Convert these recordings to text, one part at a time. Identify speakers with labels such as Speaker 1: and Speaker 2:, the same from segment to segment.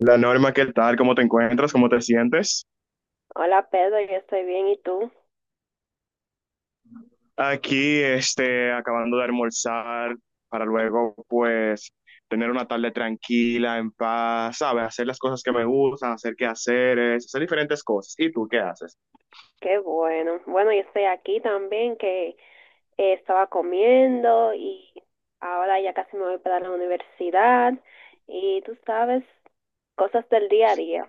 Speaker 1: La Norma, ¿qué tal? ¿Cómo te encuentras? ¿Cómo te sientes?
Speaker 2: Hola Pedro, yo estoy bien, ¿y tú?
Speaker 1: Aquí, acabando de almorzar para luego, pues, tener una tarde tranquila, en paz, ¿sabes? Hacer las cosas que me gustan, hacer quehaceres, hacer diferentes cosas. ¿Y tú qué haces?
Speaker 2: Qué bueno. Bueno, yo estoy aquí también, que estaba comiendo y ahora ya casi me voy para la universidad y tú sabes, cosas del día a día.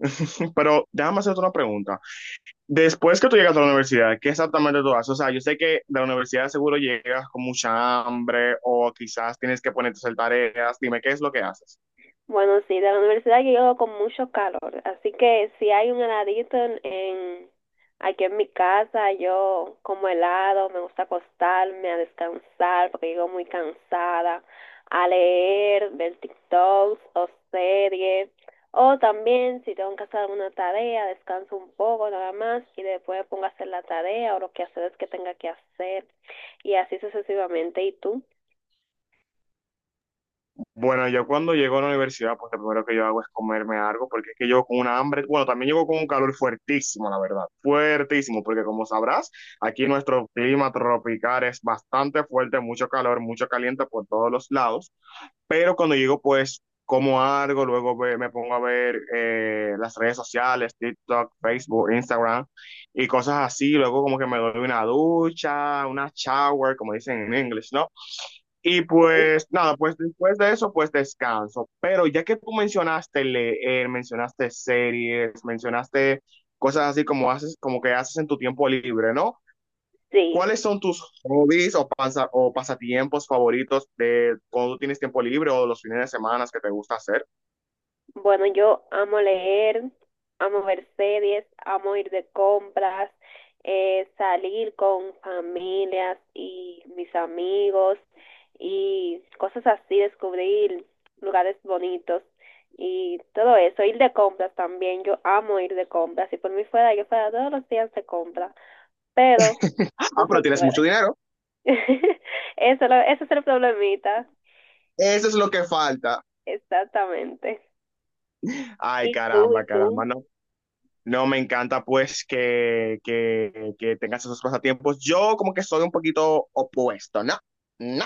Speaker 1: Pero déjame hacerte una pregunta. Después que tú llegas a la universidad, ¿qué exactamente tú haces? O sea, yo sé que de la universidad seguro llegas con mucha hambre o quizás tienes que ponerte a hacer tareas. Dime, ¿qué es lo que haces?
Speaker 2: Bueno, sí, de la universidad yo llego con mucho calor, así que si hay un heladito aquí en mi casa, yo como helado, me gusta acostarme a descansar porque llego muy cansada, a leer, ver TikToks o series, o también si tengo que hacer alguna tarea, descanso un poco nada más y después me pongo a hacer la tarea o lo que hacer es que tenga que hacer y así sucesivamente. ¿Y tú?
Speaker 1: Bueno, yo cuando llego a la universidad, pues lo primero que yo hago es comerme algo, porque es que llego con una hambre, bueno, también llego con un calor fuertísimo, la verdad, fuertísimo, porque como sabrás, aquí nuestro clima tropical es bastante fuerte, mucho calor, mucho caliente por todos los lados, pero cuando llego, pues como algo, luego me pongo a ver las redes sociales, TikTok, Facebook, Instagram y cosas así, luego como que me doy una ducha, una shower, como dicen en inglés, ¿no? Y
Speaker 2: Sí.
Speaker 1: pues nada, pues después de eso, pues descanso. Pero ya que tú mencionaste leer, mencionaste series, mencionaste cosas así como que haces en tu tiempo libre, ¿no?
Speaker 2: Sí,
Speaker 1: ¿Cuáles son tus hobbies o pasatiempos favoritos de cuando tú tienes tiempo libre o los fines de semana que te gusta hacer?
Speaker 2: bueno, yo amo leer, amo ver series, amo ir de compras, salir con familias y mis amigos y cosas así, descubrir lugares bonitos y todo eso, ir de compras también, yo amo ir de compras, si por mí fuera, yo fuera todos los días de compras, pero
Speaker 1: Ah,
Speaker 2: no
Speaker 1: pero
Speaker 2: se
Speaker 1: tienes mucho
Speaker 2: puede.
Speaker 1: dinero.
Speaker 2: Eso, ese es el problemita,
Speaker 1: Eso es lo que falta.
Speaker 2: exactamente.
Speaker 1: Ay,
Speaker 2: ¿Y tú?
Speaker 1: caramba,
Speaker 2: ¿Y
Speaker 1: caramba.
Speaker 2: tú?
Speaker 1: No, no, me encanta pues que tengas esos pasatiempos. Yo como que soy un poquito opuesto, ¿no? No.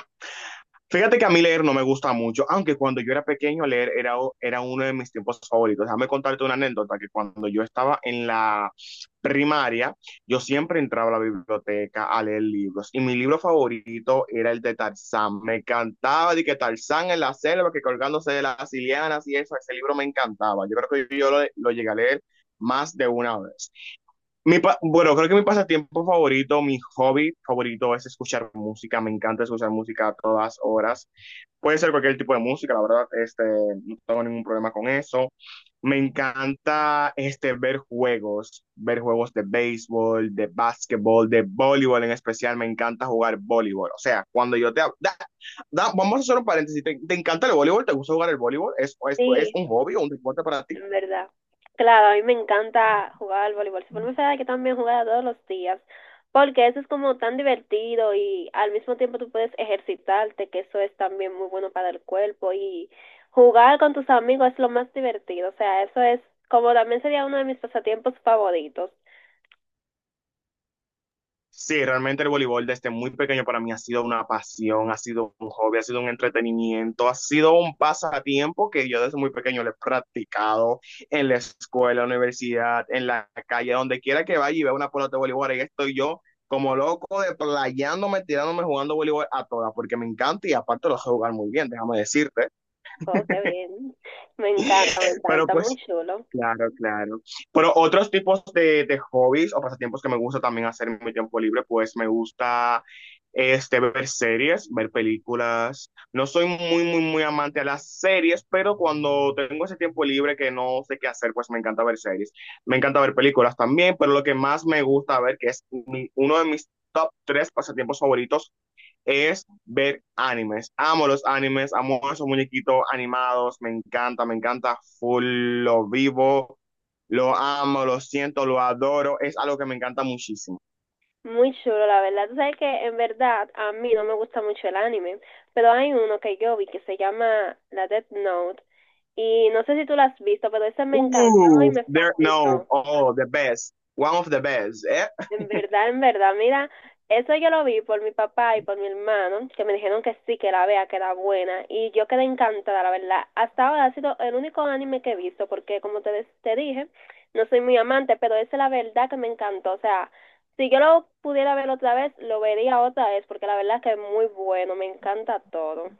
Speaker 1: Fíjate que a mí leer no me gusta mucho, aunque cuando yo era pequeño leer era uno de mis tiempos favoritos. Déjame contarte una anécdota que cuando yo estaba en la primaria, yo siempre entraba a la biblioteca a leer libros y mi libro favorito era el de Tarzán. Me encantaba de que Tarzán en la selva, que colgándose de las lianas y eso, ese libro me encantaba. Yo creo que yo lo llegué a leer más de una vez. Bueno, creo que mi pasatiempo favorito, mi hobby favorito es escuchar música. Me encanta escuchar música a todas horas. Puede ser cualquier tipo de música, la verdad, no tengo ningún problema con eso. Me encanta ver juegos de béisbol, de básquetbol, de voleibol en especial. Me encanta jugar voleibol. O sea, cuando yo te... hab- Da- da- vamos a hacer un paréntesis. ¿Te encanta el voleibol? ¿Te gusta jugar el voleibol? ¿Es
Speaker 2: Sí,
Speaker 1: un hobby o un deporte para ti?
Speaker 2: en verdad. Claro, a mí me encanta jugar al voleibol. Si fuera saber que también jugara todos los días, porque eso es como tan divertido y al mismo tiempo tú puedes ejercitarte, que eso es también muy bueno para el cuerpo y jugar con tus amigos es lo más divertido. O sea, eso es como también sería uno de mis pasatiempos favoritos.
Speaker 1: Sí, realmente el voleibol desde muy pequeño para mí ha sido una pasión, ha sido un hobby, ha sido un entretenimiento, ha sido un pasatiempo que yo desde muy pequeño lo he practicado en la escuela, en la universidad, en la calle, donde quiera que vaya y vea una pelota de voleibol, ahí estoy yo como loco, de playándome, tirándome, jugando voleibol a todas, porque me encanta y aparte lo sé jugar muy bien, déjame decirte.
Speaker 2: Oh, qué bien. Me
Speaker 1: Pero
Speaker 2: encanta, muy
Speaker 1: pues.
Speaker 2: chulo.
Speaker 1: Claro, claro. Pero otros tipos de hobbies o pasatiempos que me gusta también hacer en mi tiempo libre, pues me gusta ver series, ver películas. No soy muy, muy, muy amante a las series, pero cuando tengo ese tiempo libre que no sé qué hacer, pues me encanta ver series. Me encanta ver películas también, pero lo que más me gusta ver, que es uno de mis top tres pasatiempos favoritos, es ver animes. Amo los animes, amo esos muñequitos animados, me encanta full, lo vivo, lo amo, lo siento, lo adoro, es algo que me encanta muchísimo.
Speaker 2: Muy chulo, la verdad. Tú sabes que en verdad a mí no me gusta mucho el anime, pero hay uno que yo vi que se llama La Death Note. Y no sé si tú lo has visto, pero ese me encantó y me
Speaker 1: There, no,
Speaker 2: fascinó.
Speaker 1: oh, the best, one of the best.
Speaker 2: En verdad, mira, eso yo lo vi por mi papá y por mi hermano, que me dijeron que sí, que la vea, que era buena. Y yo quedé encantada, la verdad. Hasta ahora ha sido el único anime que he visto, porque como te, te dije, no soy muy amante, pero ese la verdad que me encantó. O sea, si yo lo pudiera ver otra vez, lo vería otra vez, porque la verdad que es muy bueno, me encanta todo.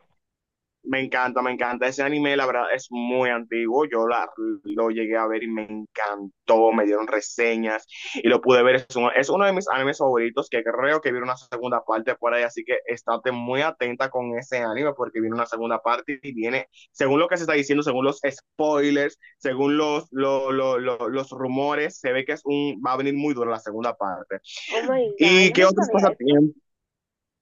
Speaker 1: Me encanta, me encanta. Ese anime, la verdad, es muy antiguo. Yo lo llegué a ver y me encantó. Me dieron reseñas y lo pude ver. Es uno de mis animes favoritos que creo que viene una segunda parte por ahí. Así que estate muy atenta con ese anime porque viene una segunda parte y viene, según lo que se está diciendo, según los, spoilers, según los, lo- los rumores, se ve que es un, va a venir muy duro la segunda parte.
Speaker 2: Oh my God,
Speaker 1: ¿Y
Speaker 2: yo
Speaker 1: qué
Speaker 2: no
Speaker 1: otros
Speaker 2: sabía esto.
Speaker 1: pasatiempos?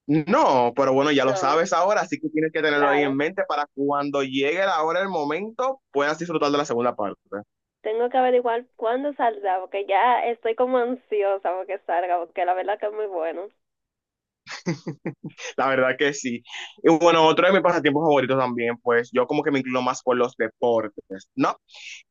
Speaker 1: No, pero bueno, ya lo
Speaker 2: No,
Speaker 1: sabes ahora, así que tienes que tenerlo ahí en
Speaker 2: claro.
Speaker 1: mente para cuando llegue la hora, el momento, puedas disfrutar de la segunda parte.
Speaker 2: Tengo que averiguar cuándo saldrá, porque ya estoy como ansiosa porque salga, porque la verdad que es muy bueno.
Speaker 1: La verdad que sí. Y bueno, otro de mis pasatiempos favoritos también, pues yo como que me inclino más por los deportes, ¿no?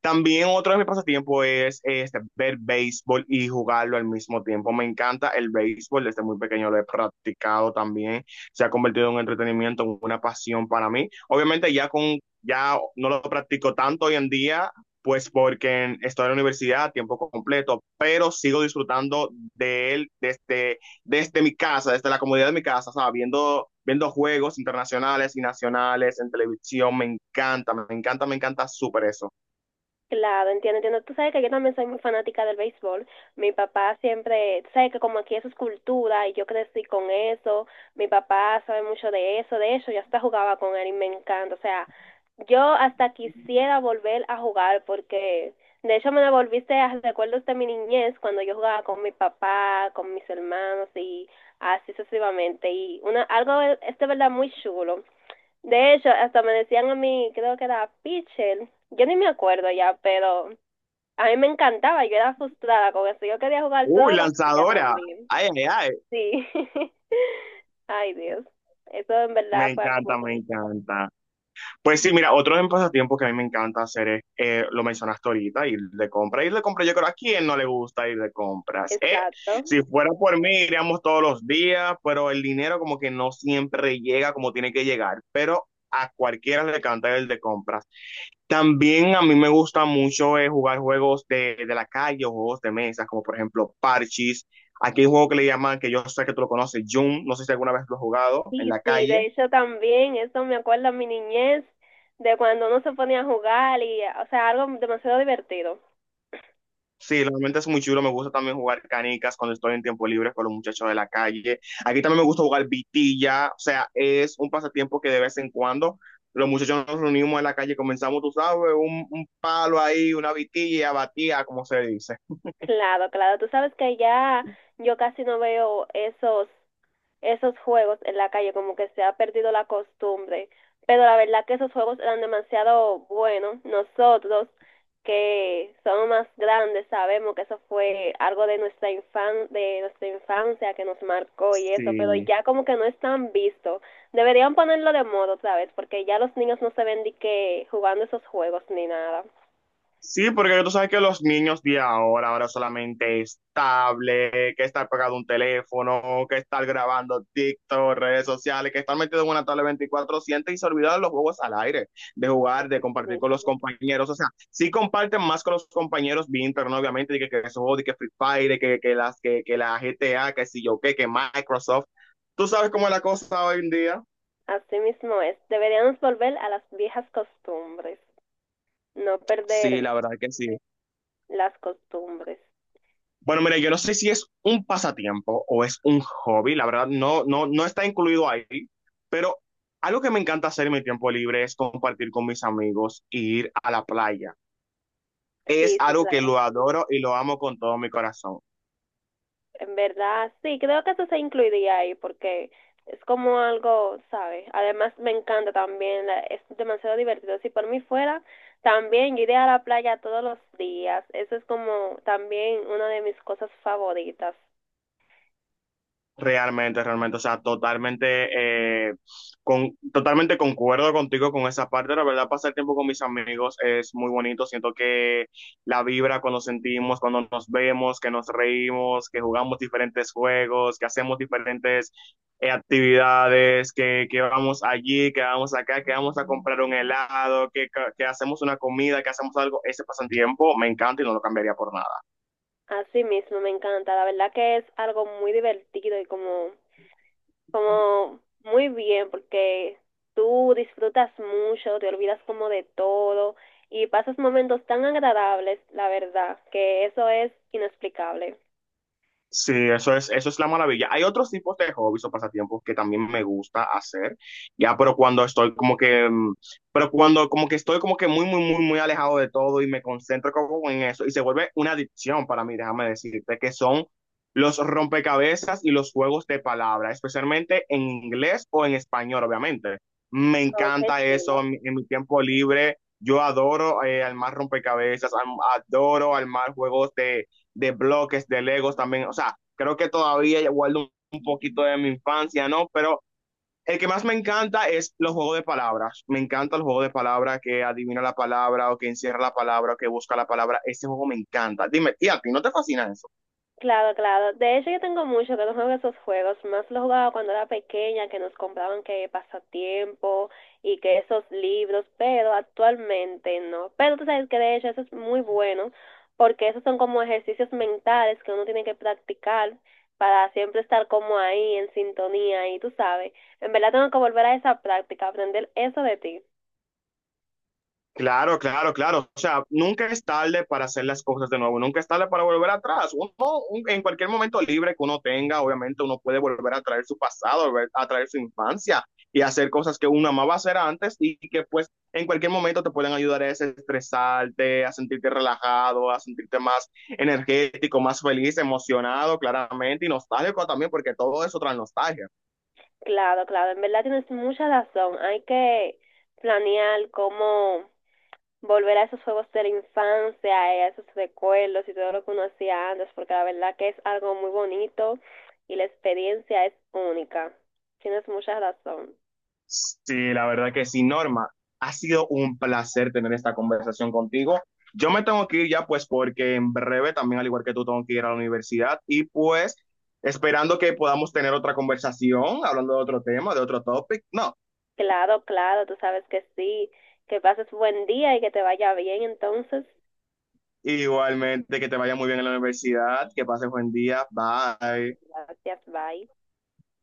Speaker 1: También otro de mis pasatiempos es ver béisbol y jugarlo al mismo tiempo. Me encanta el béisbol, desde muy pequeño lo he practicado también. Se ha convertido en un entretenimiento, en una pasión para mí. Obviamente ya no lo practico tanto hoy en día, pues porque estoy en la universidad a tiempo completo, pero sigo disfrutando de él desde mi casa, desde la comodidad de mi casa, ¿sabes? Viendo juegos internacionales y nacionales en televisión, me encanta, me encanta, me encanta súper eso.
Speaker 2: Claro, entiendo, entiendo. Tú sabes que yo también soy muy fanática del béisbol. Mi papá siempre, tú sabes que como aquí eso es cultura y yo crecí con eso, mi papá sabe mucho de eso, de hecho yo hasta jugaba con él y me encanta. O sea, yo hasta quisiera volver a jugar porque de hecho me devolviste a recuerdos de mi niñez cuando yo jugaba con mi papá, con mis hermanos y así sucesivamente. Y una, algo es de verdad muy chulo. De hecho, hasta me decían a mí, creo que era pitcher, yo ni me acuerdo ya, pero a mí me encantaba, yo era frustrada con eso, yo quería jugar
Speaker 1: Uy,
Speaker 2: todos los días
Speaker 1: lanzadora.
Speaker 2: también.
Speaker 1: Ay, ay, ay.
Speaker 2: Sí. Ay, Dios. Eso en
Speaker 1: Me
Speaker 2: verdad fue algo muy
Speaker 1: encanta, me
Speaker 2: bonito.
Speaker 1: encanta. Pues sí, mira, otro de mis pasatiempos que a mí me encanta hacer es, lo mencionaste ahorita, ir de compra. Ir de compra, yo creo, ¿a quién no le gusta ir de compras?
Speaker 2: Exacto.
Speaker 1: Si fuera por mí, iríamos todos los días, pero el dinero como que no siempre llega como tiene que llegar, pero a cualquiera le encanta ir de compras. También a mí me gusta mucho jugar juegos de la calle o juegos de mesa, como por ejemplo Parchis. Aquí hay un juego que le llaman, que yo sé que tú lo conoces, Jum. No sé si alguna vez lo has jugado en
Speaker 2: Y
Speaker 1: la
Speaker 2: sí,
Speaker 1: calle.
Speaker 2: de hecho también, eso me acuerda a mi niñez, de cuando uno se ponía a jugar y, o sea, algo demasiado divertido.
Speaker 1: Sí, realmente es muy chulo. Me gusta también jugar canicas cuando estoy en tiempo libre con los muchachos de la calle. Aquí también me gusta jugar vitilla. O sea, es un pasatiempo que de vez en cuando los muchachos nos reunimos en la calle, comenzamos, tú sabes, un palo ahí, una vitilla, batía, como se dice.
Speaker 2: Claro, claro. Tú sabes que ya yo casi no veo esos juegos en la calle, como que se ha perdido la costumbre. Pero la verdad que esos juegos eran demasiado buenos. Nosotros, que somos más grandes, sabemos que eso fue algo de nuestra infan de nuestra infancia que nos marcó y eso, pero
Speaker 1: Sí.
Speaker 2: ya como que no están visto. Deberían ponerlo de moda otra vez, porque ya los niños no se ven ni que jugando esos juegos ni nada.
Speaker 1: Sí, porque tú sabes que los niños de ahora, ahora solamente es tablet, que estar pegado a un teléfono, que estar grabando TikTok, redes sociales, que estar metido en una tablet 24/7 y se olvidaron de los juegos al aire, de jugar, de compartir con
Speaker 2: Sí,
Speaker 1: los compañeros. O sea, sí comparten más con los compañeros vía internet, obviamente, de que esos juegos, de que, Free Fire, de que, las, que la GTA, que si yo qué, que Microsoft. ¿Tú sabes cómo es la cosa hoy en día?
Speaker 2: así mismo es. Deberíamos volver a las viejas costumbres, no
Speaker 1: Sí,
Speaker 2: perder
Speaker 1: la verdad que sí.
Speaker 2: las costumbres.
Speaker 1: Bueno, mira, yo no sé si es un pasatiempo o es un hobby, la verdad, no, no, no está incluido ahí, pero algo que me encanta hacer en mi tiempo libre es compartir con mis amigos y ir a la playa. Es
Speaker 2: Sí, sí,
Speaker 1: algo que
Speaker 2: claro.
Speaker 1: lo adoro y lo amo con todo mi corazón.
Speaker 2: En verdad, sí, creo que eso se incluiría ahí porque es como algo, ¿sabes? Además, me encanta también, es demasiado divertido. Si por mí fuera, también yo iría a la playa todos los días. Eso es como también una de mis cosas favoritas.
Speaker 1: Realmente, realmente, o sea, totalmente, totalmente concuerdo contigo con esa parte. La verdad, pasar tiempo con mis amigos es muy bonito. Siento que la vibra cuando sentimos, cuando nos vemos, que nos reímos, que jugamos diferentes juegos, que hacemos diferentes actividades, que vamos allí, que vamos acá, que vamos a comprar un helado, que hacemos una comida, que hacemos algo, ese pasatiempo me encanta y no lo cambiaría por nada.
Speaker 2: Así mismo, me encanta. La verdad que es algo muy divertido y como como muy bien porque tú disfrutas mucho, te olvidas como de todo y pasas momentos tan agradables, la verdad, que eso es inexplicable.
Speaker 1: Sí, eso es la maravilla. Hay otros tipos de hobbies o pasatiempos que también me gusta hacer, ya, pero cuando como que estoy como que muy, muy, muy, muy alejado de todo y me concentro como en eso y se vuelve una adicción para mí, déjame decirte, que son los rompecabezas y los juegos de palabras, especialmente en inglés o en español, obviamente. Me
Speaker 2: Oh, qué
Speaker 1: encanta eso
Speaker 2: chulo.
Speaker 1: en mi tiempo libre. Yo adoro armar rompecabezas, adoro armar juegos de bloques, de Legos también. O sea, creo que todavía guardo un poquito de mi infancia, ¿no? Pero el que más me encanta es los juegos de palabras. Me encanta el juego de palabras que adivina la palabra o que encierra la palabra o que busca la palabra. Ese juego me encanta. Dime, ¿y a ti no te fascina eso?
Speaker 2: Claro, claro. De hecho, yo tengo mucho que no juego esos juegos. Más los jugaba cuando era pequeña, que nos compraban que pasatiempo y que esos libros, pero actualmente no. Pero tú sabes que de hecho eso es muy bueno, porque esos son como ejercicios mentales que uno tiene que practicar para siempre estar como ahí en sintonía. Y tú sabes, en verdad tengo que volver a esa práctica, aprender eso de ti.
Speaker 1: Claro, claro, claro. O sea, nunca es tarde para hacer las cosas de nuevo, nunca es tarde para volver atrás. Uno, en cualquier momento libre que uno tenga, obviamente uno puede volver a traer su pasado, volver a traer su infancia y hacer cosas que uno amaba hacer antes y que pues en cualquier momento te pueden ayudar a desestresarte, a sentirte relajado, a sentirte más energético, más feliz, emocionado, claramente, y nostálgico también, porque todo eso trae nostalgia.
Speaker 2: Claro, claro. En verdad tienes mucha razón. Hay que planear cómo volver a esos juegos de la infancia, a esos recuerdos y todo lo que uno hacía antes, porque la verdad que es algo muy bonito y la experiencia es única. Tienes mucha razón.
Speaker 1: Sí, la verdad que sí, Norma. Ha sido un placer tener esta conversación contigo. Yo me tengo que ir ya, pues, porque en breve también, al igual que tú, tengo que ir a la universidad y pues esperando que podamos tener otra conversación, hablando de otro tema, de otro topic. No,
Speaker 2: Claro, claro, tú sabes que sí, que pases buen día y que te vaya bien entonces.
Speaker 1: igualmente que te vaya muy bien en la universidad, que pases buen día. Bye.
Speaker 2: Gracias, bye.